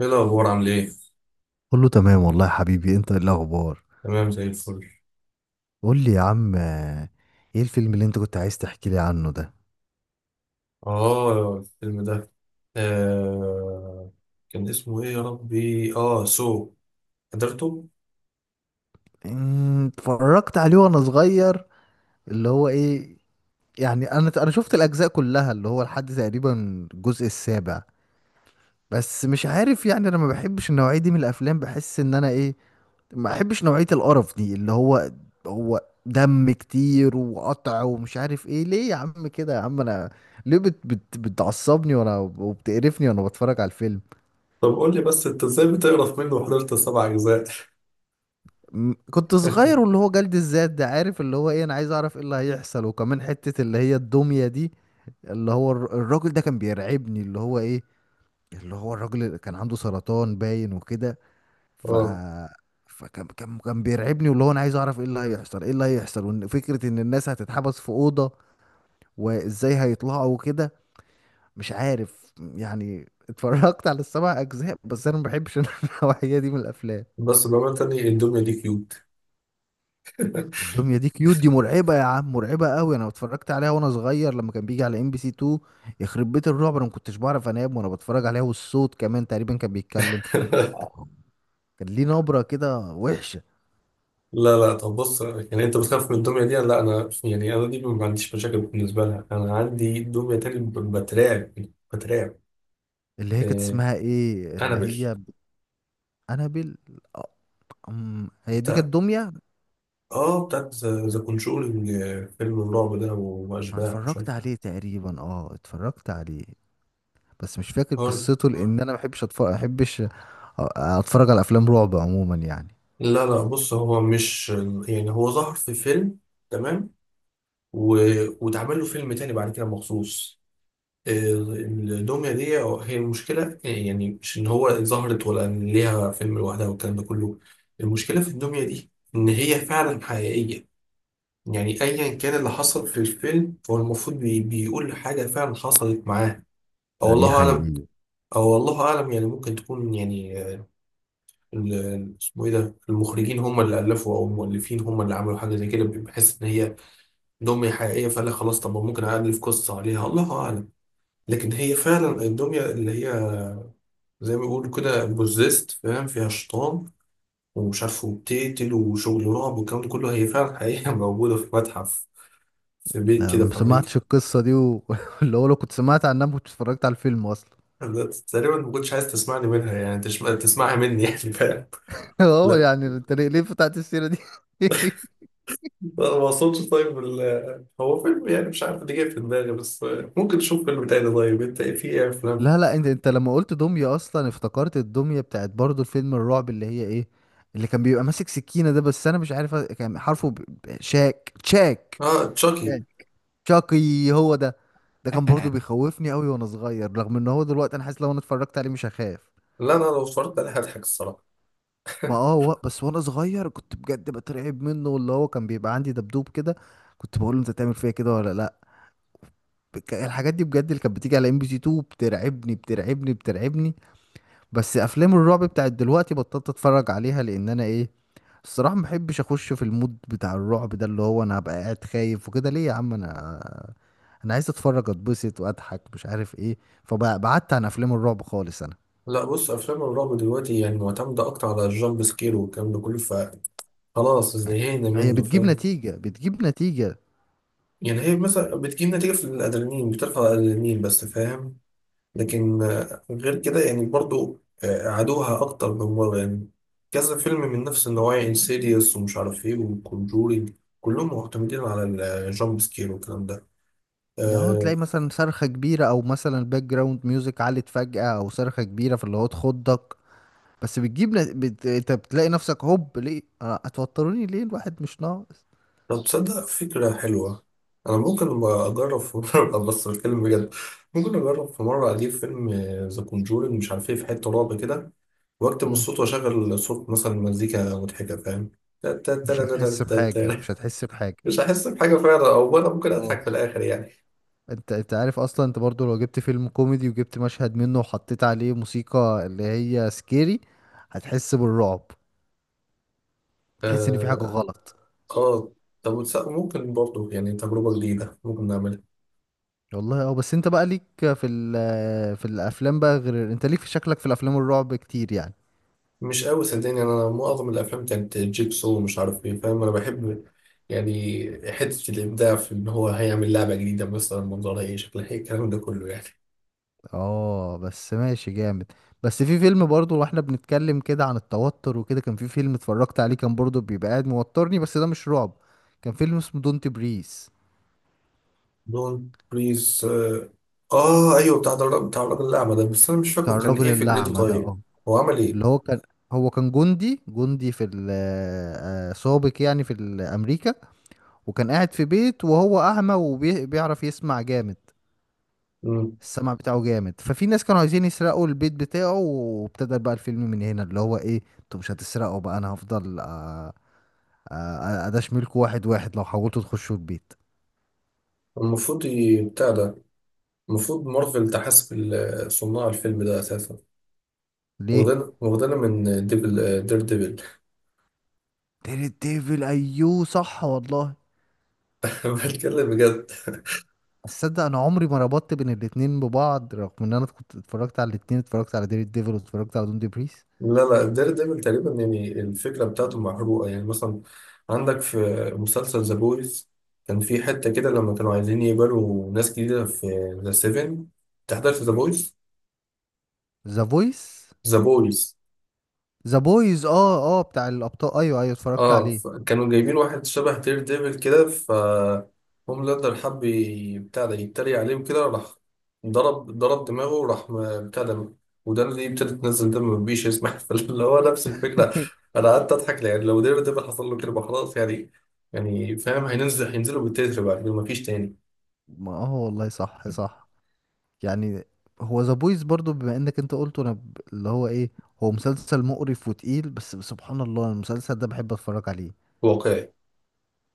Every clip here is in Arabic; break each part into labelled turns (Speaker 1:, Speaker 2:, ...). Speaker 1: ايه الاخبار عامل ايه؟
Speaker 2: كله تمام والله يا حبيبي. انت ايه الاخبار؟
Speaker 1: تمام زي الفل.
Speaker 2: قول لي يا عم آه، ايه الفيلم اللي انت كنت عايز تحكي لي عنه ده؟
Speaker 1: اه الفيلم ده آه كان اسمه ايه يا ربي سو حضرته.
Speaker 2: اتفرجت عليه وانا صغير. اللي هو ايه؟ يعني انا شفت الاجزاء كلها اللي هو لحد تقريبا الجزء السابع، بس مش عارف. يعني انا ما بحبش النوعية دي من الافلام، بحس ان انا ايه، ما بحبش نوعية القرف دي اللي هو دم كتير وقطع ومش عارف ايه. ليه يا عم كده؟ يا عم انا ليه بت بت بتعصبني وانا، وبتقرفني وانا بتفرج على الفيلم؟
Speaker 1: طب قول لي بس انت ازاي بتقرف منه وحضرت سبع اجزاء؟
Speaker 2: كنت صغير، واللي هو جلد الذات ده، عارف اللي هو ايه؟ انا عايز اعرف ايه اللي هيحصل، وكمان حتة اللي هي الدمية دي، اللي هو الراجل ده كان بيرعبني. اللي هو ايه؟ اللي هو الراجل اللي كان عنده سرطان باين وكده. ف
Speaker 1: اه
Speaker 2: فكان كان كان بيرعبني، واللي هو انا عايز اعرف ايه اللي هيحصل ايه اللي هيحصل، وان فكرة ان الناس هتتحبس في أوضة وازاي هيطلعوا وكده. مش عارف، يعني اتفرجت على السبع اجزاء بس انا ما بحبش النوعية دي من الافلام.
Speaker 1: بس بأمانة تاني الدمية دي كيوت.
Speaker 2: الدميه دي كيوت دي مرعبه يا عم، مرعبه قوي. انا اتفرجت عليها وانا صغير لما كان بيجي على ام بي سي 2. يخرب بيت الرعب، انا ما كنتش بعرف انام وانا بتفرج عليها. والصوت كمان تقريبا كان بيتكلم، كان ليه نبره كده وحشه.
Speaker 1: لا طب بص، يعني انت بتخاف من الدمية دي؟ لا انا يعني انا دي ما عنديش مشاكل بالنسبة لها. انا عندي دمية تاني بترعب، بترعب.
Speaker 2: اللي هي كانت
Speaker 1: آه
Speaker 2: اسمها ايه اللي
Speaker 1: انابل.
Speaker 2: هي انابل؟ آه، أم، هي دي كانت
Speaker 1: انت
Speaker 2: دميه.
Speaker 1: اه بتاعت ذا كونجورينج، فيلم الرعب ده
Speaker 2: انا
Speaker 1: واشباح مش عارف
Speaker 2: اتفرجت عليه تقريبا، اه اتفرجت عليه، بس مش فاكر
Speaker 1: هاري.
Speaker 2: قصته لان انا ما بحبش اتفرج، ما بحبش اتفرج على افلام رعب عموما يعني.
Speaker 1: لا بص، هو مش، يعني هو ظهر في فيلم، تمام، و... واتعمل له فيلم تاني بعد كده مخصوص. الدمية دي هي المشكلة. يعني مش إن هو ظهرت ولا إن ليها فيلم لوحدها والكلام ده كله، المشكلة في الدمية دي إن هي فعلا حقيقية. يعني أيا كان اللي حصل في الفيلم هو المفروض بيقول حاجة فعلا حصلت معاه، أو
Speaker 2: يعني
Speaker 1: والله أعلم.
Speaker 2: حقيقي؟
Speaker 1: او والله اعلم، يعني ممكن تكون يعني اسمه ايه ده، المخرجين هم اللي الفوا او المؤلفين هم اللي عملوا حاجه زي كده، بحس ان هي دميه حقيقيه فقال لك خلاص، طب ما ممكن الف قصه عليها، الله اعلم. لكن هي فعلا الدميه اللي هي زي ما بيقولوا كده بوزيست، فاهم، فيها شيطان ومش عارف وبتقتل وشغل رعب والكلام ده كله. هي فعلا حقيقه موجوده في متحف في بيت
Speaker 2: لا
Speaker 1: كده
Speaker 2: انا ما
Speaker 1: في
Speaker 2: سمعتش
Speaker 1: امريكا.
Speaker 2: القصه دي واللي هو لو كنت سمعت عنها ما كنتش اتفرجت على الفيلم اصلا.
Speaker 1: أنا تقريبا ما كنتش عايز تسمعني منها، يعني تسمعها مني يعني، فاهم.
Speaker 2: اه، يعني انت ليه فتحت السيره دي؟
Speaker 1: لا ما اقصدش، طيب هو فيلم يعني مش عارف اللي جاي في دماغي، بس ممكن تشوف فيلم تاني. طيب انت في ايه افلام؟
Speaker 2: لا لا، انت لما قلت دميه اصلا افتكرت الدميه بتاعت برضو الفيلم الرعب اللي هي ايه، اللي كان بيبقى ماسك سكينه ده، بس انا مش عارف كان حرفه شاك
Speaker 1: اه تشاكي.
Speaker 2: يعني، شاقي هو ده. ده كان برضو بيخوفني قوي وانا صغير، رغم ان هو دلوقتي انا حاسس لو انا اتفرجت عليه مش هخاف.
Speaker 1: لا انا لو اتفرجت عليه هضحك الصراحه.
Speaker 2: ما اه و... بس وانا صغير كنت بجد بترعب منه، واللي هو كان بيبقى عندي دبدوب كده، كنت بقول له انت تعمل فيا كده ولا لا. الحاجات دي بجد اللي كانت بتيجي على ام بي سي 2 بترعبني بترعبني بترعبني. بس افلام الرعب بتاعت دلوقتي بطلت اتفرج عليها لان انا ايه، الصراحة ما بحبش اخش في المود بتاع الرعب ده، اللي هو انا هبقى قاعد خايف وكده. ليه يا عم انا؟ انا عايز اتفرج اتبسط واضحك، مش عارف ايه. فبعدت عن افلام الرعب خالص انا.
Speaker 1: لا بص، افلام الرعب دلوقتي يعني معتمده اكتر على الجامب سكير والكلام ده كله، فخلاص زهقنا
Speaker 2: هي
Speaker 1: منه
Speaker 2: بتجيب
Speaker 1: فاهم.
Speaker 2: نتيجة بتجيب نتيجة.
Speaker 1: يعني هي مثلا بتجيب نتيجه في الادرينالين، بترفع الادرينالين بس فاهم. لكن غير كده يعني برضو عادوها أكتر من مرة يعني. كذا فيلم من نفس النوعية، انسيديوس ومش عارف إيه وكونجورينج، كلهم معتمدين على الجامب سكير والكلام ده.
Speaker 2: اه،
Speaker 1: آه،
Speaker 2: تلاقي مثلا صرخة كبيرة او مثلا الباك جراوند ميوزك علت فجأة او صرخة كبيرة، فاللي هو تخضك. بس بتجيب انت بتلاقي نفسك هوب، ليه آه، هتوتروني ليه؟ الواحد مش ناقص.
Speaker 1: طب تصدق فكرة حلوة؟ أنا ممكن أبقى أجرب في مرة، بس الفيلم بجد. ممكن أجرب في مرة أجيب فيلم ذا كونجورينج مش عارف إيه، في حتة رعب كده وأكتب
Speaker 2: مم.
Speaker 1: الصوت وأشغل صوت مثلا مزيكا مضحكة، فاهم،
Speaker 2: مش هتحس بحاجة مش
Speaker 1: تا.
Speaker 2: هتحس بحاجة.
Speaker 1: مش هحس بحاجة فعلا، أو أنا ممكن أضحك
Speaker 2: اه،
Speaker 1: في الآخر يعني.
Speaker 2: انت عارف اصلا انت برضو لو جبت فيلم كوميدي وجبت مشهد منه وحطيت عليه موسيقى اللي هي سكيري هتحس بالرعب، تحس ان في حاجة
Speaker 1: اه
Speaker 2: غلط.
Speaker 1: آه، طب ممكن برضو يعني تجربة جديدة ممكن نعملها.
Speaker 2: والله اه، بس انت بقى ليك في في الافلام بقى، غير انت ليك في شكلك في الافلام الرعب كتير يعني.
Speaker 1: مش قوي صدقني، انا معظم الافلام كانت جيبسو ومش عارف ايه، فاهم. انا بحب يعني حتة الابداع في ان هو هيعمل لعبة جديدة مثلا، منظرها ايه، شكلها ايه، الكلام ده كله يعني.
Speaker 2: اه بس ماشي، جامد. بس في فيلم برضو، واحنا بنتكلم كده عن التوتر وكده، كان في فيلم اتفرجت عليه كان برضو بيبقى قاعد موترني، بس ده مش رعب. كان فيلم اسمه دونت بريس،
Speaker 1: دون بريز اه. ايوه بتاع الراجل، بتاع الراجل الاعمى ده، بس انا مش فاكره
Speaker 2: بتاع
Speaker 1: كان
Speaker 2: الراجل
Speaker 1: ايه فكرته.
Speaker 2: الأعمى ده
Speaker 1: طيب
Speaker 2: اه.
Speaker 1: هو عمل
Speaker 2: اللي
Speaker 1: ايه؟
Speaker 2: هو كان، هو كان جندي آه، سابق يعني في أمريكا. وكان قاعد في بيت وهو أعمى وبيعرف يسمع جامد،
Speaker 1: مم.
Speaker 2: السمع بتاعه جامد. ففي ناس كانوا عايزين يسرقوا البيت بتاعه، وابتدى بقى الفيلم من هنا اللي هو ايه، انتوا مش هتسرقوا بقى، انا هفضل آه، آه، اداش ملك واحد واحد لو حاولتوا تخشوا البيت.
Speaker 1: المفروض بتاع ده، المفروض مارفل تحاسب صناع الفيلم ده اساسا.
Speaker 2: ليه؟
Speaker 1: واخدنا من ديفل، دير ديفل.
Speaker 2: تيري ديفل، ايوه صح والله.
Speaker 1: بتكلم بجد.
Speaker 2: تصدق انا عمري ما ربطت بين الاتنين ببعض، رغم ان انا كنت اتفرجت على الاتنين، اتفرجت على ديري ديفل واتفرجت على دون دي بريس.
Speaker 1: لا دير ديفل تقريبا يعني الفكرة بتاعته محروقة، يعني مثلا عندك في مسلسل ذا بويز كان في حتة كده لما كانوا عايزين يقبلوا ناس جديدة في ذا سيفن. تحضرت ذا بويز؟
Speaker 2: ذا فويس،
Speaker 1: ذا بويز
Speaker 2: ذا بويز، اه اه، بتاع الابطال، ايوه ايوه اتفرجت
Speaker 1: اه.
Speaker 2: عليه.
Speaker 1: كانوا جايبين واحد شبه دير ديفل كده، ف هوم لاندر حب بتاع ده يتريق عليهم، كده راح ضرب دماغه وراح بتاع ده ودان اللي ابتدت تنزل دم مفيش يسمح، فاللي هو نفس الفكرة. أنا قعدت أضحك، يعني لو دير ديفل حصل له كده يبقى خلاص يعني. يعني فاهم، هينزلوا بالتتر بعد كده مفيش تاني.
Speaker 2: ما اه والله صح صح يعني. هو ذا بويز برضو بما انك انت قلته، انا اللي هو ايه، هو مسلسل مقرف وتقيل، بس سبحان الله المسلسل ده بحب اتفرج عليه.
Speaker 1: واقعي.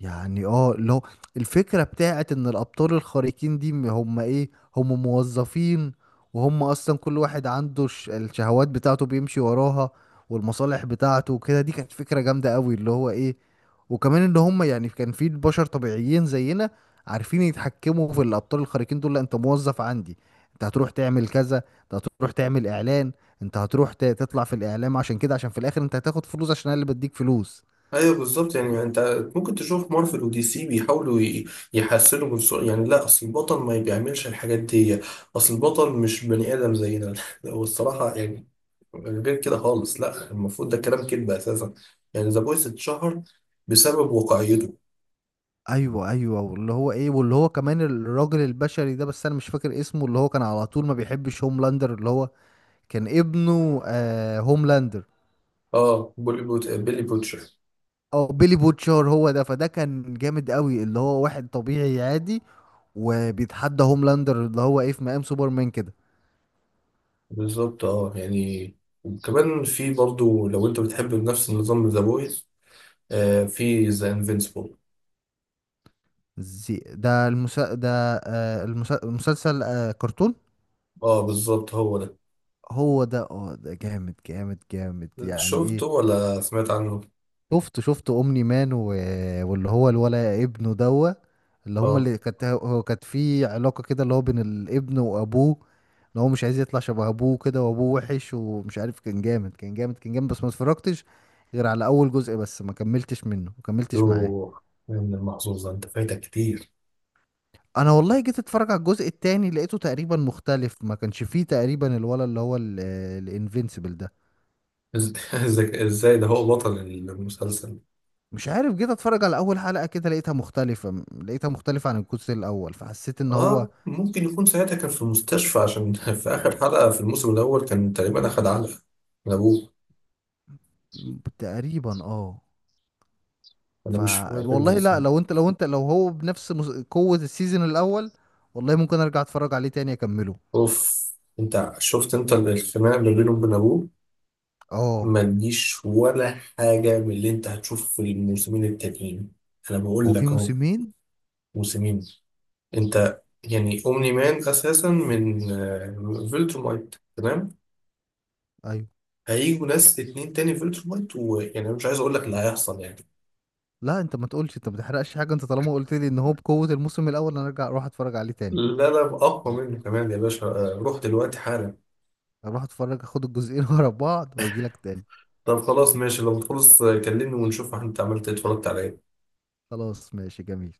Speaker 2: يعني اه، لو الفكرة بتاعت ان الابطال الخارقين دي هم ايه، هم موظفين، وهم اصلا كل واحد عنده الشهوات بتاعته بيمشي وراها، والمصالح بتاعته وكده، دي كانت فكرة جامدة قوي اللي هو ايه. وكمان ان هم يعني كان في بشر طبيعيين زينا عارفين يتحكموا في الابطال الخارقين دول. لا انت موظف عندي، انت هتروح تعمل كذا، انت هتروح تعمل اعلان، انت هتروح تطلع في الاعلام، عشان كده عشان في الاخر انت هتاخد فلوس، عشان انا اللي بديك فلوس.
Speaker 1: ايوه بالظبط، يعني انت ممكن تشوف مارفل ودي سي بيحاولوا يحسنوا من سوء، يعني لا اصل البطل ما بيعملش الحاجات دي، اصل البطل مش بني ادم زينا. لا، هو الصراحه يعني غير كده خالص، لا المفروض ده كلام كذب اساسا. يعني ذا بويس اتشهر بسبب واقعيته.
Speaker 2: ايوه ايوه، واللي هو ايه، واللي هو كمان الراجل البشري ده، بس انا مش فاكر اسمه، اللي هو كان على طول ما بيحبش هوملاندر، اللي هو كان ابنه آه هوملاندر،
Speaker 1: اه بولي بوت، بيلي بوتشر.
Speaker 2: او بيلي بوتشار هو ده. فده كان جامد قوي، اللي هو واحد طبيعي عادي وبيتحدى هوملاندر اللي هو ايه في مقام سوبرمان كده.
Speaker 1: بالظبط اه يعني. وكمان في برضو لو انت بتحب نفس النظام ذا بويس، في ذا انفينسيبل.
Speaker 2: زي ده ده آه المسلسل، آه كرتون.
Speaker 1: اه بالظبط هو ده.
Speaker 2: هو ده اه، ده جامد جامد جامد يعني
Speaker 1: شفته
Speaker 2: ايه.
Speaker 1: ولا سمعت عنه؟
Speaker 2: شفت شفت اومني مان واللي هو الولا ابنه دوا، اللي هما
Speaker 1: اه.
Speaker 2: اللي كانت، هو كانت في علاقة كده اللي هو بين الابن وابوه، اللي هو مش عايز يطلع شبه ابوه كده، وابوه وحش ومش عارف. كان جامد كان جامد كان جامد، بس ما اتفرجتش غير على اول جزء، بس ما كملتش منه ما كملتش معاه.
Speaker 1: يوه، يا ابن المحظوظ ده، انت فايتك كتير.
Speaker 2: انا والله جيت اتفرج على الجزء التاني، لقيته تقريبا مختلف، ما كانش فيه تقريبا الولا اللي هو الانفينسيبل ده.
Speaker 1: إزاي ده هو بطل المسلسل.
Speaker 2: مش عارف، جيت اتفرج على اول حلقة كده لقيتها مختلفة لقيتها مختلفة عن الجزء الاول، فحسيت ان هو
Speaker 1: اه ممكن يكون ساعتها كان في المستشفى، عشان في آخر حلقة في الموسم الأول كان تقريبا أخد علقة من أبوه.
Speaker 2: تقريبا اه،
Speaker 1: أنا
Speaker 2: ف،
Speaker 1: مش فاكر
Speaker 2: والله لا،
Speaker 1: بالظبط.
Speaker 2: لو انت لو هو بنفس قوة السيزون الاول والله ممكن ارجع اتفرج عليه تاني اكمله.
Speaker 1: أوف. أنت شفت أنت الخناقة اللي بينه وبين أبوه،
Speaker 2: اه
Speaker 1: ما تجيش ولا حاجة من اللي أنت هتشوفه في الموسمين التانيين. أنا
Speaker 2: هو
Speaker 1: بقول
Speaker 2: في
Speaker 1: لك أهو.
Speaker 2: موسمين؟
Speaker 1: موسمين. أنت يعني أومني مان أساسا من فيلتر مايت تمام؟
Speaker 2: ايوه.
Speaker 1: هيجوا ناس اتنين تاني في التر وايت، ويعني أنا مش عايز اقول لك اللي هيحصل يعني.
Speaker 2: لا، انت ما تقولش، انت ما تحرقش حاجة، انت طالما قلت لي ان هو بقوة الموسم الاول انا ارجع اروح اتفرج عليه تاني.
Speaker 1: لا اقوى
Speaker 2: لا،
Speaker 1: منه كمان يا باشا، روح دلوقتي حالا.
Speaker 2: اروح اتفرج اخد الجزئين ورا بعض واجي لك تاني.
Speaker 1: طب خلاص ماشي، لو تخلص كلمني ونشوف انت عملت ايه اتفرجت على ايه.
Speaker 2: خلاص ماشي، جميل.